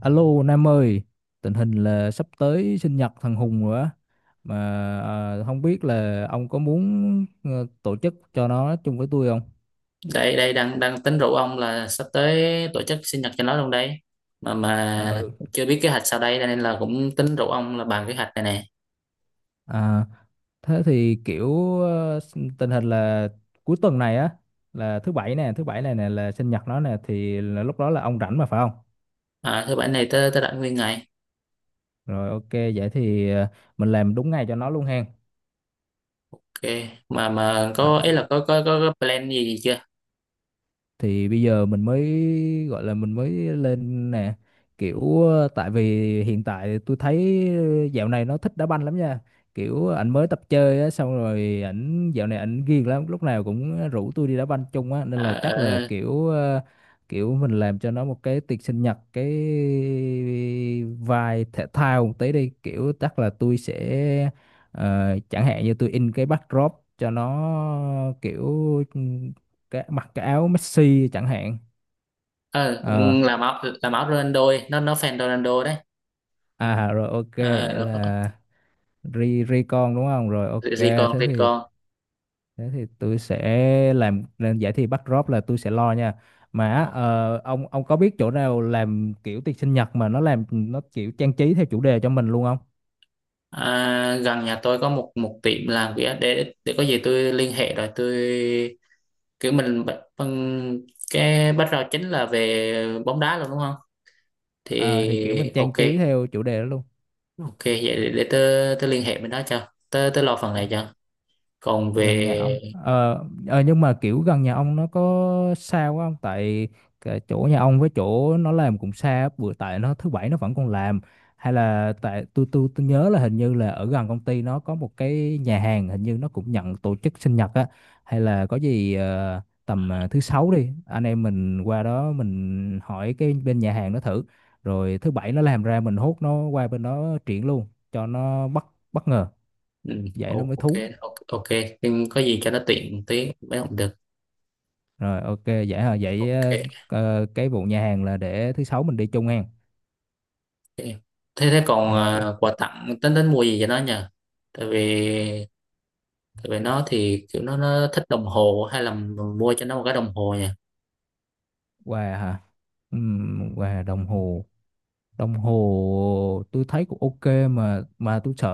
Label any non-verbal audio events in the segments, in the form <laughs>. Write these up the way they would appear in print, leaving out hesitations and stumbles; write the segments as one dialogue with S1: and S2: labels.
S1: Alo Nam ơi, tình hình là sắp tới sinh nhật thằng Hùng rồi á, mà không biết là ông có muốn tổ chức cho nó chung với tôi không?
S2: Đây đây đang đang tính rủ ông là sắp tới tổ chức sinh nhật cho nó luôn đây. Mà
S1: Ờ,
S2: chưa biết kế hoạch sau đây nên là cũng tính rủ ông là bàn kế hoạch này nè.
S1: à, thế thì kiểu tình hình là cuối tuần này á, là thứ bảy nè, thứ bảy này nè là sinh nhật nó nè, thì là lúc đó là ông rảnh mà phải không?
S2: Thứ bảy này tới tới rảnh nguyên ngày.
S1: Rồi ok, vậy thì mình làm đúng ngày cho nó luôn hen.
S2: Ok. Mà
S1: À,
S2: có ý là có plan gì chưa?
S1: thì bây giờ mình mới gọi là mình mới lên nè kiểu tại vì hiện tại tôi thấy dạo này nó thích đá banh lắm nha, kiểu ảnh mới tập chơi á xong rồi ảnh dạo này ảnh ghiền lắm, lúc nào cũng rủ tôi đi đá banh chung á, nên
S2: à,
S1: là chắc là
S2: ờ,
S1: kiểu kiểu mình làm cho nó một cái tiệc sinh nhật, cái vai thể thao một tí đi, kiểu chắc là tôi sẽ chẳng hạn như tôi in cái backdrop cho nó, kiểu cái mặc cái áo Messi chẳng hạn.
S2: ờ,
S1: Ờ,
S2: làm áo làm áo Ronaldo ấy, nó fan Ronaldo đấy.
S1: à rồi ok vậy
S2: à, nó có-
S1: là ri ri con đúng không, rồi ok.
S2: gì gì còn
S1: thế
S2: gì
S1: thì
S2: còn.
S1: thế thì tôi sẽ làm giải thi bắt drop là tôi sẽ lo nha. Mà á, ông có biết chỗ nào làm kiểu tiệc sinh nhật mà nó làm nó kiểu trang trí theo chủ đề cho mình luôn không?
S2: Gần nhà tôi có một một tiệm làm vỉa để có gì tôi liên hệ rồi tôi kiểu mình cái background chính là về bóng đá luôn đúng không?
S1: Ờ, thì kiểu mình
S2: Thì
S1: trang
S2: ok.
S1: trí theo chủ đề đó luôn.
S2: Ok vậy để tớ tớ liên hệ bên đó cho tớ tớ lo phần này cho. Còn
S1: Gần nhà ông
S2: về
S1: nhưng mà kiểu gần nhà ông nó có xa quá không, tại cái chỗ nhà ông với chỗ nó làm cũng xa bữa, tại nó thứ bảy nó vẫn còn làm. Hay là tại tôi nhớ là hình như là ở gần công ty nó có một cái nhà hàng, hình như nó cũng nhận tổ chức sinh nhật á. Hay là có gì tầm thứ sáu đi, anh em mình qua đó mình hỏi cái bên nhà hàng nó thử, rồi thứ bảy nó làm ra mình hốt nó qua bên đó triển luôn cho nó bất bất ngờ,
S2: ừ,
S1: vậy nó mới
S2: ok,
S1: thú.
S2: ok, ok, nhưng có gì cho nó tiện tí mới không được.
S1: Rồi ok vậy hả? Vậy
S2: Ok,
S1: cái vụ nhà hàng là để thứ sáu mình đi chung hen.
S2: ok. thế thế còn
S1: Ok.
S2: quà tặng tính tính mua gì cho nó nhờ? Tại vì tại vì nó thì kiểu nó thích đồng hồ, hay là mua cho nó một cái đồng hồ nhỉ?
S1: Quà hả? Quà đồng hồ. Đồng hồ tôi thấy cũng ok, mà tôi sợ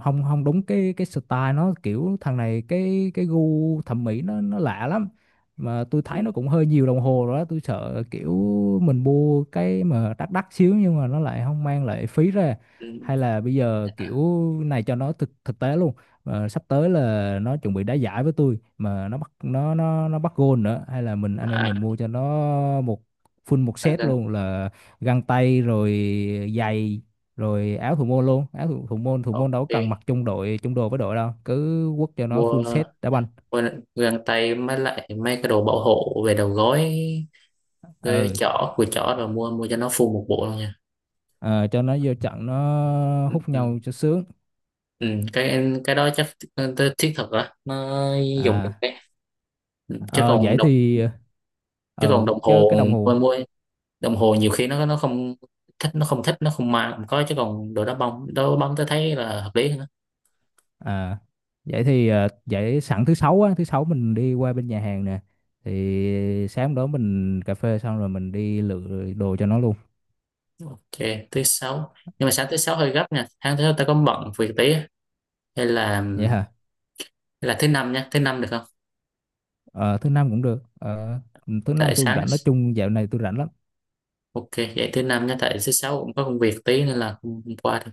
S1: không không đúng cái style nó, kiểu thằng này cái gu thẩm mỹ nó lạ lắm, mà tôi
S2: Ừ,
S1: thấy nó cũng hơi nhiều đồng hồ rồi đó, tôi sợ kiểu mình mua cái mà đắt đắt xíu nhưng mà nó lại không mang lại phí ra.
S2: ừ.
S1: Hay là bây giờ kiểu này cho nó thực thực tế luôn. Ờ, sắp tới là nó chuẩn bị đá giải với tôi mà nó bắt, nó bắt gôn nữa, hay là mình anh em mình
S2: à,
S1: mua cho nó một full một
S2: Căng
S1: set
S2: căng.
S1: luôn, là găng tay rồi giày rồi áo thủ môn luôn, áo thủ môn đâu có
S2: Ok,
S1: cần mặc chung đội chung đồ với đội đâu, cứ quất cho nó
S2: mua
S1: full set đá banh.
S2: quên găng tay mới lại mấy cái đồ bảo hộ về đầu gối, cái
S1: Ừ,
S2: chỏ của chỏ rồi mua mua cho nó full một bộ luôn nha.
S1: ờ, cho nó vô trận nó
S2: Ừ,
S1: hút
S2: ừ.
S1: nhau cho sướng.
S2: Ừ, cái đó chắc tới thiết thực á, nó dùng được
S1: À,
S2: đấy. chứ
S1: ờ,
S2: còn
S1: vậy
S2: đồng
S1: thì
S2: chứ còn
S1: ừ
S2: đồng
S1: chứ
S2: hồ,
S1: cái đồng
S2: mua
S1: hồ.
S2: mua đồng hồ nhiều khi nó không thích, nó không thích, nó không mang không có. Chứ còn đồ đá bóng, đồ bóng tôi thấy là hợp lý hơn á.
S1: À vậy thì vậy sẵn thứ sáu mình đi qua bên nhà hàng nè, thì sáng đó mình cà phê xong rồi mình đi lựa đồ cho nó luôn.
S2: Ok thứ sáu, nhưng mà sáng thứ sáu hơi gấp nha, sáng thứ sáu ta có bận việc tí á. hay là
S1: Vậy hả?
S2: hay là thứ năm nha, thứ năm được không?
S1: Ờ, thứ năm cũng được. Ờ, thứ năm
S2: Tại
S1: tôi cũng
S2: sáng
S1: rảnh, nói chung dạo này tôi rảnh lắm.
S2: Ok, vậy thứ năm nhé, tại thứ sáu cũng có công việc tí nên là không qua được.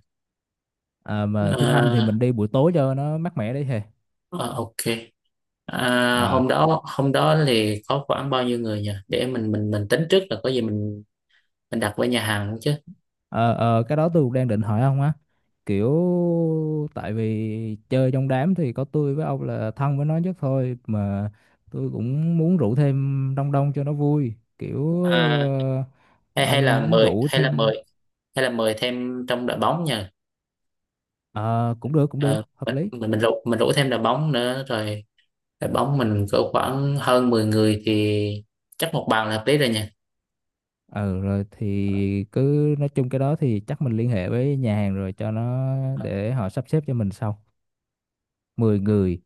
S1: À, mà thứ năm thì
S2: Ờ,
S1: mình đi buổi tối cho nó mát mẻ đấy hè.
S2: ờ, ok. À,
S1: À,
S2: hôm đó thì có khoảng bao nhiêu người nhỉ? Để mình tính trước là có gì mình đặt với nhà hàng chứ.
S1: ờ, cái đó tôi cũng đang định hỏi ông á, kiểu tại vì chơi trong đám thì có tôi với ông là thân với nó nhất thôi, mà tôi cũng muốn rủ thêm đông đông cho nó vui, kiểu
S2: À,
S1: ờ,
S2: hay hay
S1: ông
S2: là
S1: muốn
S2: mời
S1: rủ
S2: hay là
S1: thêm.
S2: mời hay là mời thêm trong đội bóng nhỉ?
S1: Ờ, cũng được, cũng được
S2: Ờ,
S1: hợp
S2: mình
S1: lý.
S2: mình mình rủ mình rủ thêm đội bóng nữa rồi. Đội bóng mình cỡ khoảng hơn 10 người thì chắc một bàn là hợp lý rồi nhỉ.
S1: Ờ rồi thì cứ nói chung cái đó thì chắc mình liên hệ với nhà hàng rồi cho nó, để họ sắp xếp cho mình sau. Mười người.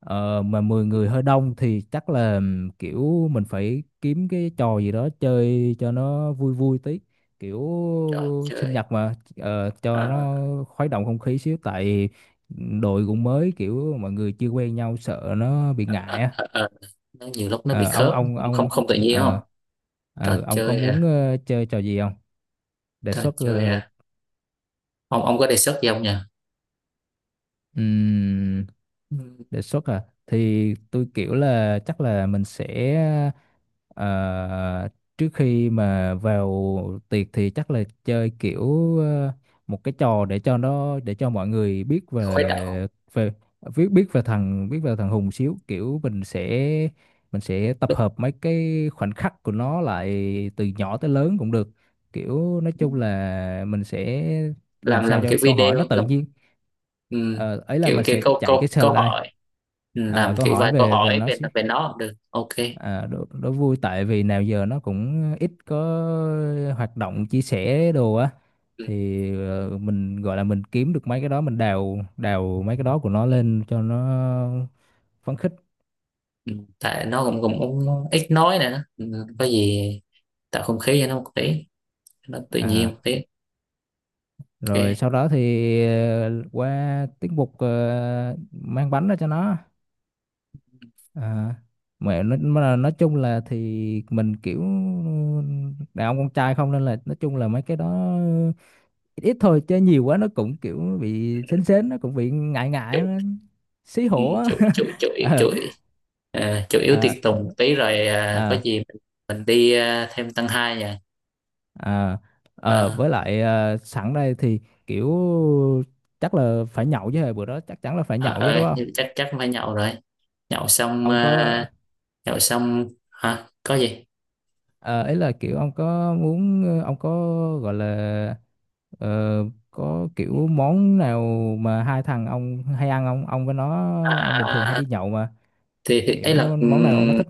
S1: Ờ, mà 10 người hơi đông thì chắc là kiểu mình phải kiếm cái trò gì đó chơi cho nó vui vui tí, kiểu
S2: Trời,
S1: sinh
S2: trời.
S1: nhật mà. Ờ, cho
S2: À,
S1: nó khuấy động không khí xíu, tại đội cũng mới kiểu mọi người chưa quen nhau, sợ nó bị
S2: à,
S1: ngại á.
S2: à, à. Nó nhiều lúc nó bị
S1: Ờ, ông
S2: khớp,
S1: ông
S2: không
S1: ông
S2: không tự nhiên không?
S1: ờ,
S2: trò
S1: ông có
S2: chơi
S1: muốn
S2: hả
S1: chơi trò gì không, đề
S2: trò
S1: xuất
S2: chơi hả Ông có đề xuất gì không nhỉ?
S1: Ừm,
S2: Ừm,
S1: đề xuất à, thì tôi kiểu là chắc là mình sẽ ờ, trước khi mà vào tiệc thì chắc là chơi kiểu một cái trò để cho nó, để cho mọi người biết
S2: khuấy động.
S1: về về biết biết về thằng Hùng xíu, kiểu mình sẽ tập
S2: lúc-
S1: hợp mấy cái khoảnh khắc của nó lại từ nhỏ tới lớn cũng được, kiểu nói chung là mình sẽ làm
S2: làm
S1: sao
S2: làm
S1: cho
S2: kiểu
S1: cái câu hỏi
S2: video
S1: nó tự
S2: làm,
S1: nhiên.
S2: ừm,
S1: Ờ, ấy là
S2: kiểu
S1: mình
S2: kiểu
S1: sẽ
S2: câu
S1: chạy cái
S2: câu câu
S1: slide.
S2: hỏi. Làm
S1: Ờ, câu
S2: kiểu
S1: hỏi
S2: vài câu
S1: về về
S2: hỏi
S1: nó
S2: về
S1: xí.
S2: về nó cũng được, ok.
S1: À, đố vui, tại vì nào giờ nó cũng ít có hoạt động chia sẻ đồ á,
S2: Ừm,
S1: thì mình gọi là mình kiếm được mấy cái đó, mình đào đào mấy cái đó của nó lên cho nó phấn khích.
S2: tại nó cũng cũng, cũng ít nói nè. Có gì tạo không khí cho nó một tí, nó tự nhiên một
S1: À
S2: tí.
S1: rồi
S2: Ok.
S1: sau đó thì qua tiết mục mang bánh ra cho nó. À, mà nói chung là thì mình kiểu đàn ông con trai không, nên là nói chung là mấy cái đó ít thôi, chứ nhiều quá nó cũng kiểu bị sến sến nó cũng bị ngại
S2: chủ
S1: ngại nó xí hổ á.
S2: chủ chủ chủ chủ
S1: <laughs>
S2: à, Chủ yếu
S1: Ờ,
S2: tiệc
S1: ờ,
S2: tùng một tí rồi, có
S1: ờ,
S2: gì mình đi thêm tăng hai nha.
S1: ờ, ờ,
S2: Ờ,
S1: với lại sẵn đây thì kiểu chắc là phải nhậu chứ, bữa đó chắc chắn là phải
S2: ờ
S1: nhậu chứ
S2: ờ,
S1: đúng không?
S2: chắc chắc phải nhậu rồi. nhậu xong
S1: Ông có
S2: ờ, Nhậu xong hả, có gì.
S1: Ờ, ấy là kiểu ông có muốn ông có gọi là ờ, có kiểu món nào mà hai thằng ông hay ăn không? Ông với nó,
S2: À,
S1: ông bình thường
S2: à,
S1: hay
S2: à, à.
S1: đi nhậu mà,
S2: Thì
S1: kiểu món nào nó thích.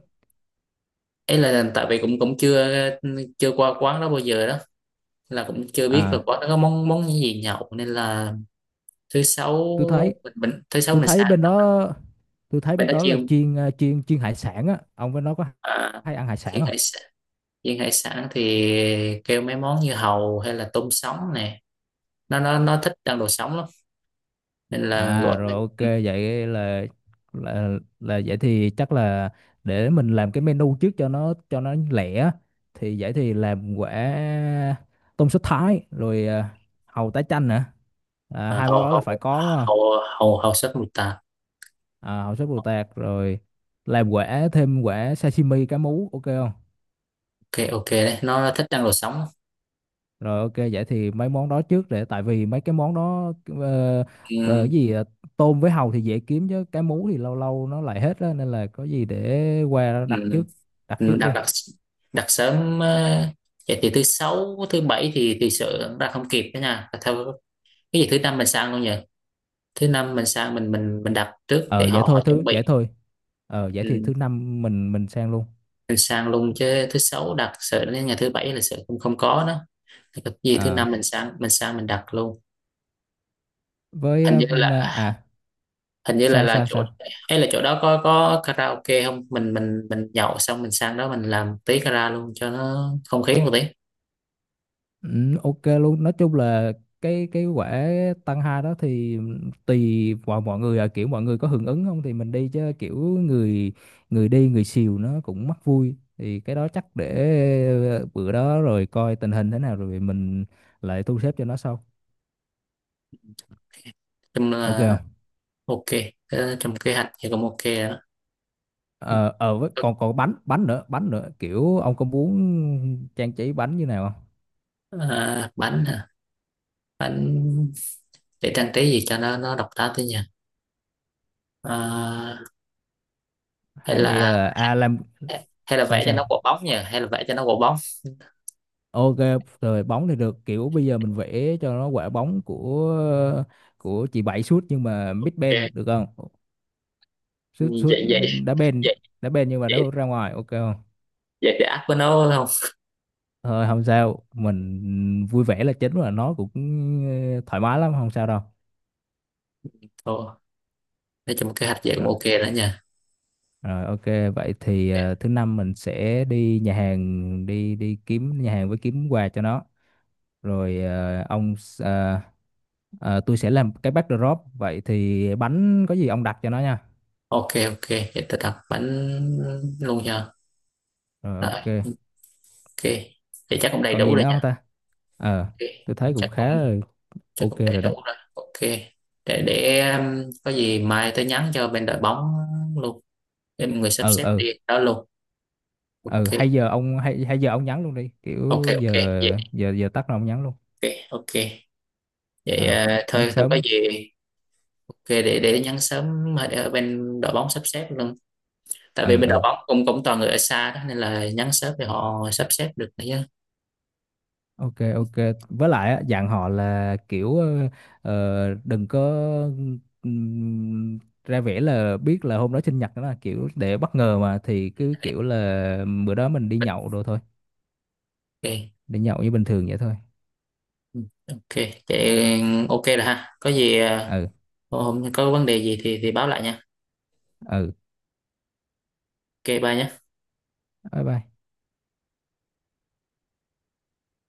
S2: ấy là tại vì cũng cũng chưa, qua quán đó bao giờ, đó là cũng chưa biết là
S1: À,
S2: quán đó có món món gì nhậu nên là thứ sáu
S1: tôi thấy
S2: thứ sáu
S1: tôi
S2: mình
S1: thấy
S2: sáng
S1: bên
S2: đó
S1: đó tôi thấy
S2: mình
S1: bên
S2: đã
S1: đó là
S2: chiên.
S1: chiên ờ, chiên chiên hải sản á. Ông với nó có
S2: à,
S1: hay ăn hải sản
S2: chiên
S1: không?
S2: hải sản Chiên hải sản thì kêu mấy món như hàu hay là tôm sống nè, nó thích ăn đồ sống lắm nên là
S1: À
S2: gọi
S1: rồi
S2: mấy.
S1: ok vậy là là vậy thì chắc là để mình làm cái menu trước cho nó, cho nó lẻ. Thì vậy thì làm quả tôm sốt Thái rồi hàu tái chanh nữa. À, hai món
S2: Hầu
S1: đó là phải
S2: hầu
S1: có đúng không?
S2: hầu hầu hầu sắc mùi tạt.
S1: À, hàu sốt bồ tạt rồi, làm quả thêm quả sashimi cá mú ok không?
S2: Ok, ok đấy, nó thích ăn đồ sống.
S1: Rồi ok vậy thì mấy món đó trước, để tại vì mấy cái món đó ờ,
S2: Ừ,
S1: ờ, gì ờ, tôm với hàu thì dễ kiếm, chứ cá mú thì lâu lâu nó lại hết á, nên là có gì để qua đặt
S2: ừ.
S1: trước, đặt
S2: Ừ,
S1: trước
S2: đặt
S1: luôn.
S2: đặt đặt sớm. Ờ, Vậy thì thứ sáu thứ bảy thì sợ ra không kịp đó nha theo, cái gì thứ năm mình sang luôn nhỉ? Thứ năm mình sang, mình đặt trước để họ họ chuẩn
S1: Vậy
S2: bị.
S1: thôi. Ờ vậy thì
S2: Ừ.
S1: thứ năm mình sang luôn.
S2: Mình sang luôn chứ thứ sáu đặt sợ đến ngày thứ bảy là sợ không không có đó. Thì cái gì thứ
S1: À
S2: năm mình sang mình đặt luôn.
S1: với
S2: hình như là hình như là
S1: sao
S2: là
S1: sao
S2: chỗ.
S1: sao.
S2: Hay là chỗ đó có karaoke không? Mình nhậu xong mình sang đó mình làm tí kara luôn cho nó không khí một tí.
S1: Ừ, ok luôn. Nói chung là cái quả tăng hai đó thì tùy vào mọi người à, kiểu mọi người có hưởng ứng không thì mình đi, chứ kiểu người người đi người xìu nó cũng mắc vui, thì cái đó chắc để bữa đó rồi coi tình hình thế nào rồi mình lại thu xếp cho nó sau,
S2: Chung
S1: ok
S2: là
S1: không?
S2: ok. Ờ, trong kế hoạch thì cũng ok rồi
S1: Ờ ờ, với
S2: đó.
S1: còn còn bánh bánh nữa, kiểu ông có muốn trang trí bánh như nào không?
S2: Ờ, bánh hả? Bánh để trang trí gì cho nó độc đáo tí nhỉ. Ờ, hay
S1: Hay
S2: là
S1: là à làm
S2: hay là
S1: sao
S2: vẽ cho
S1: sao.
S2: nó quả bóng nhỉ, hay là vẽ cho nó quả bóng.
S1: Ok, rồi bóng thì được, kiểu bây giờ mình vẽ cho nó quả bóng của chị Bảy sút nhưng mà mid bên
S2: Ok.
S1: được không? Sút
S2: vậy
S1: sút
S2: vậy
S1: đá bên,
S2: vậy
S1: nhưng mà đá
S2: vậy
S1: ra ngoài ok không?
S2: vậy thì áp với nó phải không?
S1: Thôi không sao, mình vui vẻ là chính, và nó cũng thoải mái lắm, không sao đâu.
S2: Thôi, nói chung kế hoạch vậy cũng
S1: rồi,
S2: ok đó nha.
S1: Rồi ok, vậy thì
S2: Ok.
S1: thứ năm mình sẽ đi nhà hàng, đi đi kiếm nhà hàng với kiếm quà cho nó. Rồi ờ, ông s- ờ, ờ, tôi sẽ làm cái backdrop, vậy thì bánh có gì ông đặt cho nó nha.
S2: Ok, ok, vậy tôi đặt bánh luôn nha.
S1: Rồi
S2: Rồi
S1: ok.
S2: ok, vậy chắc cũng đầy
S1: Còn
S2: đủ
S1: gì
S2: rồi
S1: nữa không
S2: nha.
S1: ta? Ờ,
S2: Ok,
S1: tôi thấy cũng
S2: chắc cũng
S1: khá là
S2: chắc
S1: ok
S2: cũng đầy
S1: rồi
S2: đủ
S1: đấy.
S2: rồi, ok. Để có gì mai tôi nhắn cho bên đội bóng luôn để mọi người sắp
S1: Ừ
S2: xếp
S1: ừ,
S2: đi đó luôn.
S1: ừ
S2: Ok,
S1: hay giờ ông hay hay giờ ông nhắn luôn đi.
S2: ok,
S1: Kiểu giờ
S2: ok vậy,
S1: giờ giờ tắt rồi ông nhắn luôn.
S2: ok, ok vậy,
S1: À, nhắn
S2: thôi, thôi có
S1: sớm.
S2: gì. Ok, để nhắn sớm ở ở bên đội bóng sắp xếp luôn. Tại vì
S1: Ừ
S2: bên đội
S1: ừ.
S2: bóng cũng cũng toàn người ở xa đó nên là nhắn sớm thì họ sắp xếp được nữa chứ.
S1: Ok ok. Với lại á, dặn họ là kiểu đừng có ra vẻ là biết là hôm đó sinh nhật đó, là kiểu để bất ngờ mà, thì cứ kiểu là bữa đó mình đi nhậu rồi thôi.
S2: Ok.
S1: Đi nhậu như bình thường vậy thôi.
S2: Ừ, ok, vậy ok rồi ha. Có gì
S1: Ừ
S2: hôm có vấn đề gì thì báo lại nha.
S1: ừ.
S2: Ok, bye nhé.
S1: Bye bye.